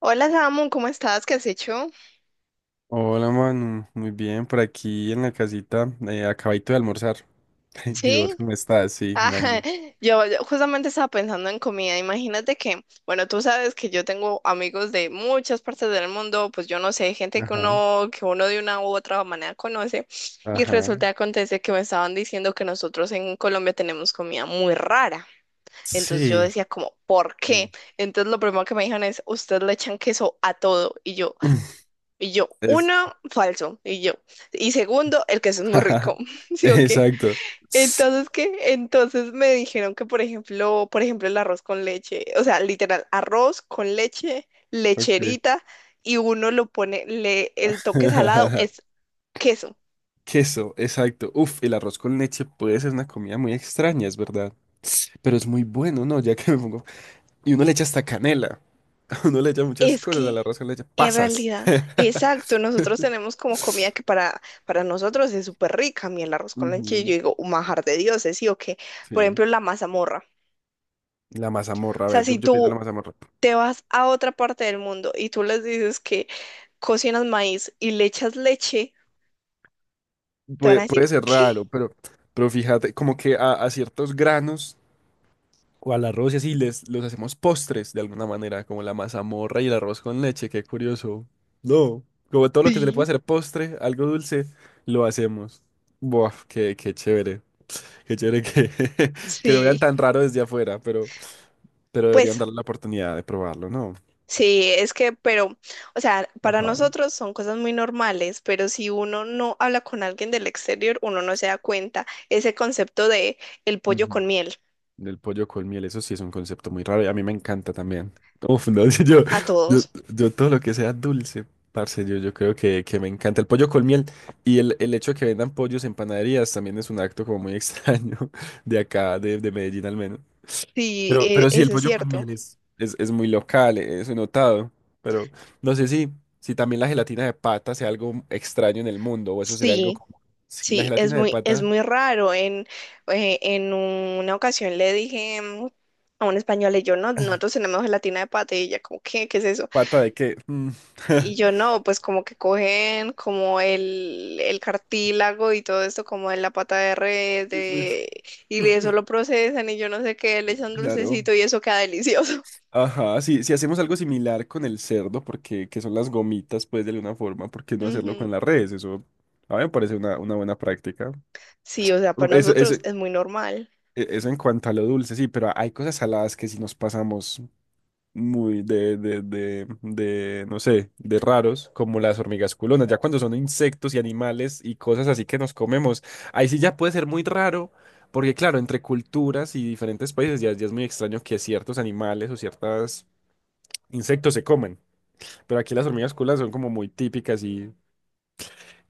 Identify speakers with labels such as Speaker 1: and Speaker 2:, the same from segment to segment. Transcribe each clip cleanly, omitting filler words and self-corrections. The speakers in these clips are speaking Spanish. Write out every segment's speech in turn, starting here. Speaker 1: Hola Samu, ¿cómo estás? ¿Qué has hecho?
Speaker 2: Hola Manu, muy bien, por aquí en la casita, acabadito de almorzar. ¿Y vos
Speaker 1: Sí,
Speaker 2: cómo estás? Sí,
Speaker 1: ah,
Speaker 2: imagino.
Speaker 1: yo justamente estaba pensando en comida. Imagínate que, bueno, tú sabes que yo tengo amigos de muchas partes del mundo, pues yo no sé, gente que
Speaker 2: Ajá,
Speaker 1: uno, que uno de una u otra manera conoce, y
Speaker 2: ajá.
Speaker 1: resulta que acontece que me estaban diciendo que nosotros en Colombia tenemos comida muy rara. Entonces yo
Speaker 2: Sí.
Speaker 1: decía como, ¿por
Speaker 2: Mm.
Speaker 1: qué? Entonces lo primero que me dijeron es, ustedes le echan queso a todo, y yo,
Speaker 2: Es...
Speaker 1: uno, falso, y yo, y segundo, el queso es muy rico, ¿sí o qué?
Speaker 2: Exacto.
Speaker 1: Entonces, ¿qué? Entonces me dijeron que, por ejemplo, el arroz con leche, o sea, literal, arroz con leche,
Speaker 2: Ok.
Speaker 1: lecherita, y uno lo pone, le, el toque salado es queso.
Speaker 2: Queso, exacto. Uf, el arroz con leche puede ser una comida muy extraña, es verdad. Pero es muy bueno, ¿no? Ya que me pongo... Y uno le echa hasta canela. Uno le echa muchas
Speaker 1: Es
Speaker 2: cosas
Speaker 1: que,
Speaker 2: al arroz con leche.
Speaker 1: en
Speaker 2: Pasas.
Speaker 1: realidad, exacto, nosotros tenemos como comida que para nosotros es súper rica. A mí el arroz con leche, yo
Speaker 2: Ujú.
Speaker 1: digo, un manjar de dioses, ¿sí o qué? Por
Speaker 2: Sí.
Speaker 1: ejemplo, la mazamorra.
Speaker 2: La mazamorra,
Speaker 1: O
Speaker 2: a
Speaker 1: sea,
Speaker 2: ver, yo,
Speaker 1: si
Speaker 2: yo pienso en
Speaker 1: tú
Speaker 2: la mazamorra.
Speaker 1: te vas a otra parte del mundo y tú les dices que cocinas maíz y le echas leche, te van
Speaker 2: Puede,
Speaker 1: a decir,
Speaker 2: puede ser
Speaker 1: ¿qué?
Speaker 2: raro, pero fíjate, como que a ciertos granos o al arroz y así les, los hacemos postres de alguna manera, como la mazamorra y el arroz con leche, qué curioso. No, como todo lo que se le puede
Speaker 1: Sí.
Speaker 2: hacer postre, algo dulce, lo hacemos. Buah, qué, qué chévere que, que lo vean
Speaker 1: Sí,
Speaker 2: tan raro desde afuera, pero deberían
Speaker 1: pues
Speaker 2: darle la oportunidad de probarlo, ¿no?
Speaker 1: sí, es que, pero, o sea, para
Speaker 2: Ajá.
Speaker 1: nosotros son cosas muy normales, pero si uno no habla con alguien del exterior, uno no se da cuenta ese concepto de el pollo
Speaker 2: Ujú.
Speaker 1: con miel
Speaker 2: Del pollo con miel, eso sí es un concepto muy raro y a mí me encanta también. Uf, no,
Speaker 1: a
Speaker 2: yo,
Speaker 1: todos.
Speaker 2: yo todo lo que sea dulce, parce, yo creo que me encanta el pollo con miel y el hecho de que vendan pollos en panaderías también es un acto como muy extraño de acá, de Medellín al menos.
Speaker 1: Sí,
Speaker 2: Pero sí, el
Speaker 1: eso es
Speaker 2: pollo con
Speaker 1: cierto.
Speaker 2: miel es muy local, eso he notado, pero no sé si, si también la gelatina de pata sea algo extraño en el mundo o eso sería algo
Speaker 1: Sí,
Speaker 2: como, sí, la
Speaker 1: sí, es
Speaker 2: gelatina de
Speaker 1: muy,
Speaker 2: pata,
Speaker 1: raro. En una ocasión le dije a un español, y yo, no, nosotros tenemos gelatina de pata y ella, como, ¿qué? ¿Qué es eso?
Speaker 2: ¿pata de qué? Mm.
Speaker 1: Y yo no, pues como que cogen como el cartílago y todo esto como en la pata de res
Speaker 2: Qué risa.
Speaker 1: de, y eso lo procesan y yo no sé qué, le echan
Speaker 2: Claro.
Speaker 1: dulcecito y eso queda delicioso.
Speaker 2: Ajá, sí, si hacemos algo similar con el cerdo, porque que son las gomitas, pues de alguna forma, ¿por qué no hacerlo
Speaker 1: Ujú.
Speaker 2: con las redes? Eso a mí me parece una buena práctica.
Speaker 1: Sí, o sea, para
Speaker 2: Eso,
Speaker 1: nosotros es muy normal.
Speaker 2: e- eso en cuanto a lo dulce, sí, pero hay cosas saladas que si nos pasamos muy no sé, de raros, como las hormigas culonas, ya cuando son insectos y animales y cosas así que nos comemos, ahí sí ya puede ser muy raro. Porque claro, entre culturas y diferentes países ya, ya es muy extraño que ciertos animales o ciertos insectos se comen. Pero aquí las hormigas culonas son como muy típicas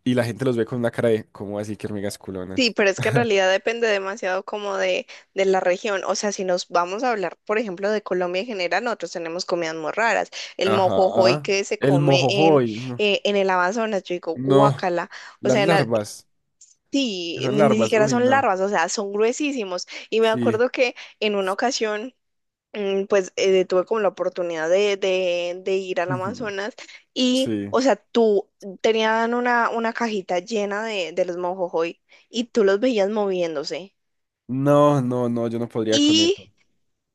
Speaker 2: y la gente los ve con una cara de, ¿cómo así que hormigas
Speaker 1: Sí,
Speaker 2: culonas?
Speaker 1: pero es que en realidad depende demasiado como de la región. O sea, si nos vamos a hablar, por ejemplo, de Colombia en general, nosotros tenemos comidas muy raras. El mojojoy
Speaker 2: Ajá.
Speaker 1: que se
Speaker 2: El
Speaker 1: come en,
Speaker 2: mojojoy. No.
Speaker 1: eh, en el Amazonas, yo digo,
Speaker 2: No.
Speaker 1: guácala. O
Speaker 2: Las
Speaker 1: sea,
Speaker 2: larvas. Que
Speaker 1: sí,
Speaker 2: Son
Speaker 1: ni
Speaker 2: larvas.
Speaker 1: siquiera
Speaker 2: Uy,
Speaker 1: son
Speaker 2: no.
Speaker 1: larvas, o sea, son gruesísimos. Y me
Speaker 2: Sí.
Speaker 1: acuerdo que en una ocasión, pues tuve como la oportunidad de ir al
Speaker 2: Ujú.
Speaker 1: Amazonas y,
Speaker 2: Sí.
Speaker 1: o sea, tú tenían una cajita llena de los mojojoy y tú los veías moviéndose.
Speaker 2: No, no, no, yo no podría con
Speaker 1: Y
Speaker 2: eso.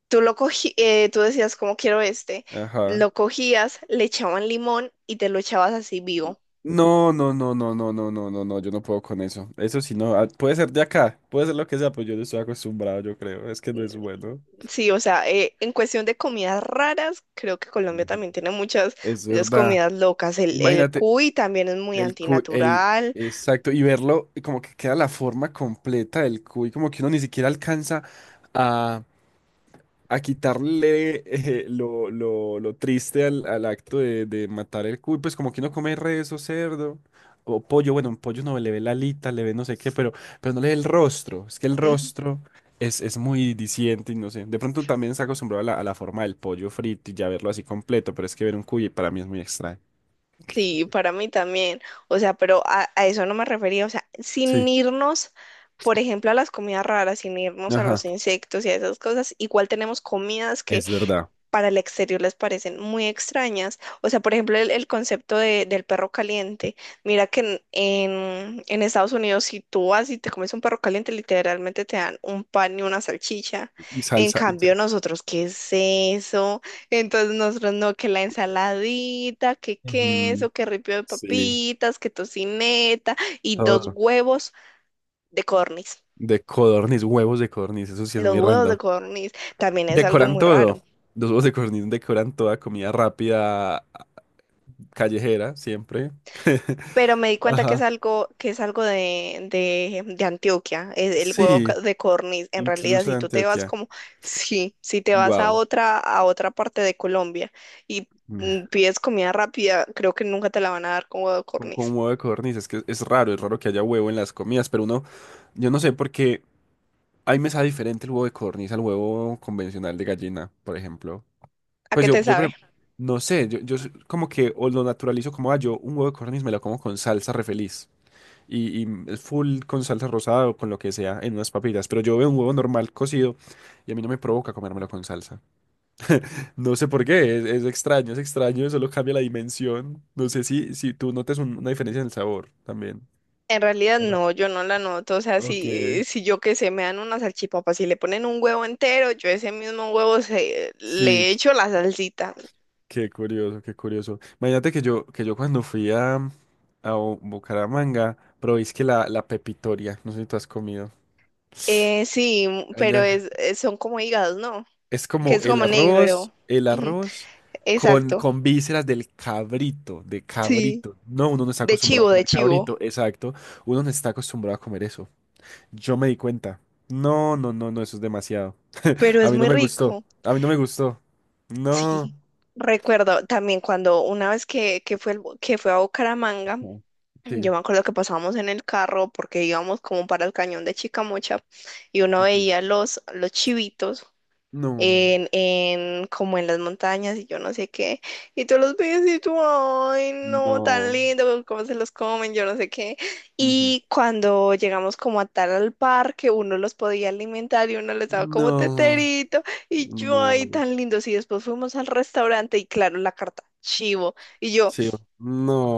Speaker 1: tú lo cogí, tú decías, como quiero este,
Speaker 2: Ajá.
Speaker 1: lo cogías, le echaban limón y te lo echabas así vivo.
Speaker 2: No, no, no, no, no, no, no, no, no, yo no puedo con eso. Eso sí, no. Puede ser de acá, puede ser lo que sea, pero yo no estoy acostumbrado, yo creo. Es que no es bueno.
Speaker 1: Sí, o sea, en cuestión de comidas raras, creo que Colombia
Speaker 2: Ujú.
Speaker 1: también tiene muchas,
Speaker 2: Es
Speaker 1: muchas
Speaker 2: verdad.
Speaker 1: comidas locas. El
Speaker 2: Imagínate.
Speaker 1: cuy también es muy
Speaker 2: El cuy, el,
Speaker 1: antinatural.
Speaker 2: exacto, y verlo y como que queda la forma completa del cuy, como que uno ni siquiera alcanza a, a quitarle lo triste al, al acto de matar el cuy, pues como que uno come res o cerdo o pollo, bueno, un pollo no le ve la alita, le ve no sé qué, pero no le ve el rostro, es que el
Speaker 1: Ujú.
Speaker 2: rostro es muy diciente y no sé, de pronto también se acostumbrado a la forma del pollo frito y ya verlo así completo, pero es que ver un cuy para mí es muy extraño.
Speaker 1: Sí, para mí también. O sea, pero a eso no me refería. O sea, sin
Speaker 2: Sí,
Speaker 1: irnos, por ejemplo, a las comidas raras, sin irnos a los
Speaker 2: ajá,
Speaker 1: insectos y a esas cosas, igual tenemos comidas que
Speaker 2: es verdad.
Speaker 1: para el exterior les parecen muy extrañas. O sea, por ejemplo, el concepto del perro caliente. Mira que en Estados Unidos, si tú vas y te comes un perro caliente, literalmente te dan un pan y una salchicha.
Speaker 2: Y
Speaker 1: En
Speaker 2: salsa. Y
Speaker 1: cambio,
Speaker 2: sal-
Speaker 1: nosotros, ¿qué es eso? Entonces, nosotros no, que la ensaladita, que
Speaker 2: Ujú.
Speaker 1: queso, que ripio de
Speaker 2: Sí,
Speaker 1: papitas, que tocineta y dos
Speaker 2: todo.
Speaker 1: huevos de corniz.
Speaker 2: De codorniz, huevos de codorniz, eso sí es
Speaker 1: Los
Speaker 2: muy
Speaker 1: huevos de
Speaker 2: random.
Speaker 1: corniz también es algo
Speaker 2: Decoran
Speaker 1: muy raro.
Speaker 2: todo. Los huevos de codorniz decoran toda comida rápida, callejera, siempre.
Speaker 1: Pero me di cuenta que es
Speaker 2: Ajá.
Speaker 1: algo, de Antioquia, es el huevo
Speaker 2: Sí,
Speaker 1: ca- de codorniz. En realidad,
Speaker 2: incluso
Speaker 1: si
Speaker 2: de
Speaker 1: tú te vas
Speaker 2: Antioquia.
Speaker 1: como, sí, si te vas a
Speaker 2: Wow.
Speaker 1: otra, a otra parte de Colombia y pides comida rápida, creo que nunca te la van a dar con huevo de
Speaker 2: Con
Speaker 1: codorniz.
Speaker 2: huevo de codorniz, es que es raro que haya huevo en las comidas, pero uno, yo no sé por qué a mí me sabe diferente el huevo de codorniz al huevo convencional de gallina, por ejemplo.
Speaker 1: ¿A
Speaker 2: Pues
Speaker 1: qué
Speaker 2: yo,
Speaker 1: te
Speaker 2: yo, por
Speaker 1: sabe?
Speaker 2: ejem- no sé, yo s- como que o lo naturalizo como, ah, yo un huevo de codorniz me lo como con salsa re feliz. Y es full con salsa rosada o con lo que sea en unas papitas. Pero yo veo un huevo normal cocido y a mí no me provoca comérmelo con salsa. No sé por qué, es extraño, solo cambia la dimensión. No sé si, si tú notas un- una diferencia en el sabor también.
Speaker 1: En realidad
Speaker 2: Hola.
Speaker 1: no, yo no la noto. O sea,
Speaker 2: Ok.
Speaker 1: si yo que sé, me dan una salchipapa, si le ponen un huevo entero, yo ese mismo huevo se,
Speaker 2: Sí,
Speaker 1: le echo la salsita.
Speaker 2: qué curioso, qué curioso. Imagínate que yo cuando fui a Bu- Bucaramanga, probé es que la pepitoria, no sé si tú has comido.
Speaker 1: Sí, pero
Speaker 2: Allá
Speaker 1: son como hígados, ¿no?
Speaker 2: es
Speaker 1: Que
Speaker 2: como
Speaker 1: es como negro.
Speaker 2: el
Speaker 1: Ujú,
Speaker 2: arroz
Speaker 1: exacto,
Speaker 2: con vísceras del cabrito, de
Speaker 1: sí,
Speaker 2: cabrito. No, uno no está acostumbrado a
Speaker 1: de
Speaker 2: comer
Speaker 1: chivo,
Speaker 2: cabrito, exacto. Uno no está acostumbrado a comer eso. Yo me di cuenta. No, no, no, no, eso es demasiado.
Speaker 1: pero
Speaker 2: A
Speaker 1: es
Speaker 2: mí no
Speaker 1: muy
Speaker 2: me gustó.
Speaker 1: rico,
Speaker 2: A mí no me gustó. No.
Speaker 1: sí. Recuerdo también cuando una vez que fue a Bucaramanga,
Speaker 2: No. Sí.
Speaker 1: yo me acuerdo que pasábamos en el carro porque íbamos como para el cañón de Chicamocha y uno
Speaker 2: Ok.
Speaker 1: veía los chivitos
Speaker 2: No.
Speaker 1: en como en las montañas y yo no sé qué. Y tú los ves y tú, ay, no, tan
Speaker 2: No.
Speaker 1: lindo, cómo se los comen, yo no sé qué.
Speaker 2: Ujú.
Speaker 1: Y cuando llegamos como a tal al parque, uno los podía alimentar y uno les daba como
Speaker 2: No,
Speaker 1: teterito y yo, ay,
Speaker 2: no,
Speaker 1: tan lindos. Y después fuimos al restaurante y claro, la carta. Chivo. Y yo,
Speaker 2: chivo,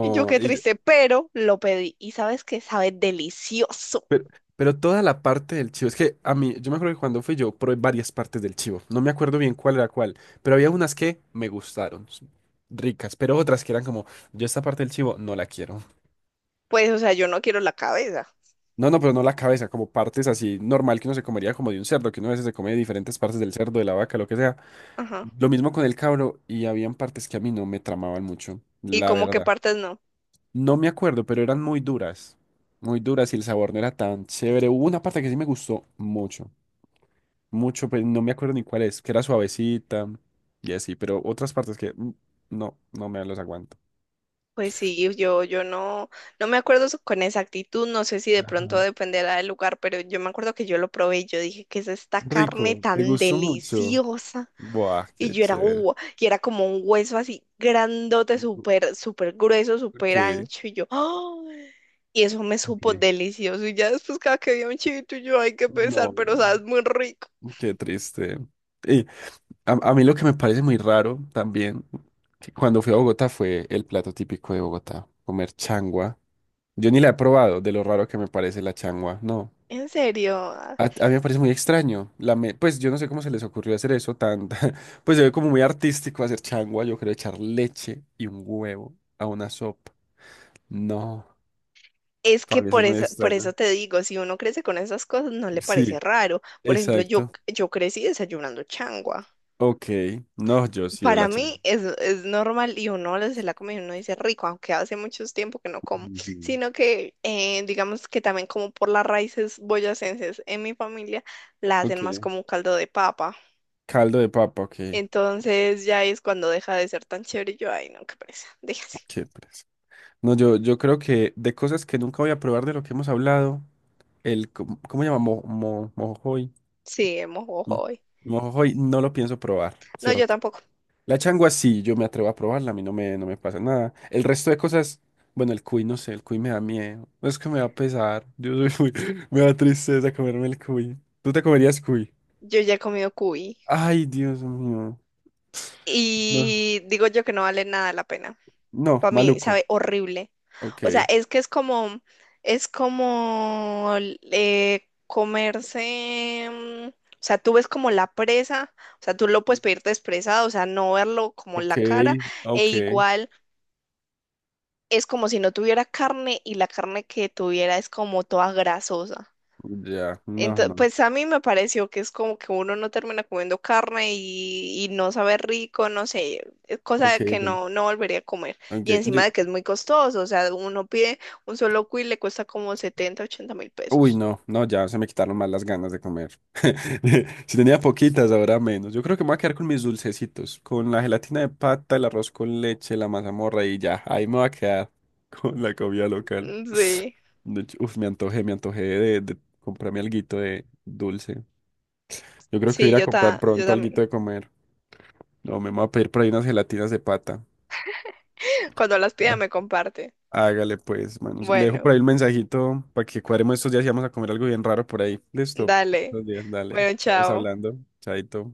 Speaker 1: y yo, qué
Speaker 2: y yo-
Speaker 1: triste, pero lo pedí. Y sabes que sabe delicioso.
Speaker 2: pero, pero toda la parte del chivo, es que a mí, yo me acuerdo que cuando fui yo probé varias partes del chivo, no me acuerdo bien cuál era cuál, pero había unas que me gustaron, s- ricas, pero otras que eran como, yo esta parte del chivo no la quiero.
Speaker 1: Pues, o sea, yo no quiero la cabeza.
Speaker 2: No, no, pero no la cabeza, como partes así normal que uno se comería como de un cerdo, que uno a veces se come de diferentes partes del cerdo, de la vaca, lo que sea.
Speaker 1: Ajá.
Speaker 2: Lo mismo con el cabro y habían partes que a mí no me tramaban mucho,
Speaker 1: ¿Y
Speaker 2: la
Speaker 1: como qué
Speaker 2: verdad.
Speaker 1: partes no?
Speaker 2: No me acuerdo, pero eran muy duras. Muy duras y el sabor no era tan chévere. Hubo una parte que sí me gustó mucho. Mucho, pero no me acuerdo ni cuál es, que era suavecita y así, pero otras partes que no, no me los aguanto.
Speaker 1: Pues sí, yo no me acuerdo con exactitud, no sé si de pronto
Speaker 2: Ajá.
Speaker 1: dependerá del lugar, pero yo me acuerdo que yo lo probé y yo dije, ¿qué es esta carne
Speaker 2: Rico, te
Speaker 1: tan
Speaker 2: gustó mucho.
Speaker 1: deliciosa?
Speaker 2: Buah,
Speaker 1: Y
Speaker 2: qué
Speaker 1: yo era,
Speaker 2: chévere.
Speaker 1: y era como un hueso así grandote, súper, súper grueso,
Speaker 2: Ok,
Speaker 1: súper ancho, y yo, ¡oh! Y eso me supo
Speaker 2: ok.
Speaker 1: delicioso, y ya después cada que había un chivito, yo, ay, qué pesar,
Speaker 2: No,
Speaker 1: pero sabes, muy rico.
Speaker 2: qué triste. Y a mí lo que me parece muy raro también, que cuando fui a Bogotá fue el plato típico de Bogotá, comer changua. Yo ni la he probado, de lo raro que me parece la changua, no.
Speaker 1: En serio.
Speaker 2: A mí me parece muy extraño. La me- pues yo no sé cómo se les ocurrió hacer eso tan... Pues se ve como muy artístico hacer changua, yo creo echar leche y un huevo a una sopa. No,
Speaker 1: Es que
Speaker 2: para mí eso
Speaker 1: por
Speaker 2: es muy
Speaker 1: eso, por eso
Speaker 2: extraño.
Speaker 1: te digo, si uno crece con esas cosas, no le
Speaker 2: Sí,
Speaker 1: parece raro. Por ejemplo, yo,
Speaker 2: exacto.
Speaker 1: yo crecí desayunando changua.
Speaker 2: Ok, no, yo sí veo
Speaker 1: Para
Speaker 2: la changua.
Speaker 1: mí es, normal y uno le se la come y uno dice rico, aunque hace mucho tiempo que no como.
Speaker 2: Ujú.
Speaker 1: Sino que, digamos que también como por las raíces boyacenses en mi familia, la hacen
Speaker 2: Ok.
Speaker 1: más como un caldo de papa.
Speaker 2: Caldo de papa, ok.
Speaker 1: Entonces ya es cuando deja de ser tan chévere y yo, ay, no, qué presa, déjase.
Speaker 2: Qué pereza. No, yo creo que de cosas que nunca voy a probar de lo que hemos hablado, el... co- ¿Cómo se llama? Mo, mo- mojojoy.
Speaker 1: Sí, hemos
Speaker 2: Mm.
Speaker 1: hoy.
Speaker 2: Mojo hoy no lo pienso probar,
Speaker 1: No, yo
Speaker 2: ¿cierto?
Speaker 1: tampoco.
Speaker 2: La changua sí, yo me atrevo a probarla, a mí no me, no me pasa nada. El resto de cosas, bueno, el cuy no sé, el cuy me da miedo. No, es que me va a pesar. Yo soy muy- me da tristeza comerme el cuy. ¿Tú te comerías cuy?
Speaker 1: Yo ya he comido cuy.
Speaker 2: Ay, Dios mío. No,
Speaker 1: Y digo yo que no vale nada la pena.
Speaker 2: no,
Speaker 1: Para mí
Speaker 2: maluco.
Speaker 1: sabe horrible.
Speaker 2: Ok,
Speaker 1: O sea, es que es como comerse, o sea, tú ves como la presa, o sea, tú lo puedes pedir expresado, o sea, no verlo como
Speaker 2: ok,
Speaker 1: la cara, e
Speaker 2: ok.
Speaker 1: igual es como si no tuviera carne y la carne que tuviera es como toda grasosa.
Speaker 2: Ya, no,
Speaker 1: Entonces,
Speaker 2: no.
Speaker 1: pues a mí me pareció que es como que uno no termina comiendo carne y no sabe rico, no sé, es cosa
Speaker 2: Ok,
Speaker 1: de que
Speaker 2: entiendo.
Speaker 1: no volvería a comer.
Speaker 2: Ok,
Speaker 1: Y encima
Speaker 2: yo-
Speaker 1: de que es muy costoso, o sea, uno pide un solo cuy y le cuesta como setenta, ochenta mil
Speaker 2: Uy,
Speaker 1: pesos.
Speaker 2: no, no, ya se me quitaron más las ganas de comer. Si tenía poquitas, ahora menos. Yo creo que me voy a quedar con mis dulcecitos, con la gelatina de pata, el arroz con leche, la mazamorra y ya. Ahí me voy a quedar con la comida local.
Speaker 1: Mm, sí,
Speaker 2: De hecho, uf, me antojé de comprarme alguito de dulce. Yo creo que voy a
Speaker 1: sí,
Speaker 2: ir a
Speaker 1: yo,
Speaker 2: comprar
Speaker 1: ta, yo
Speaker 2: pronto
Speaker 1: también.
Speaker 2: alguito de comer. No, me voy a pedir por ahí unas gelatinas de pata.
Speaker 1: Cuando las pida
Speaker 2: Ah,
Speaker 1: me comparte.
Speaker 2: hágale pues, manos. Le dejo
Speaker 1: Bueno,
Speaker 2: por ahí el mensajito para que cuadremos estos días y vamos a comer algo bien raro por ahí. Listo.
Speaker 1: dale.
Speaker 2: Estos días, dale.
Speaker 1: Bueno,
Speaker 2: Estamos
Speaker 1: chao.
Speaker 2: hablando. Chaito.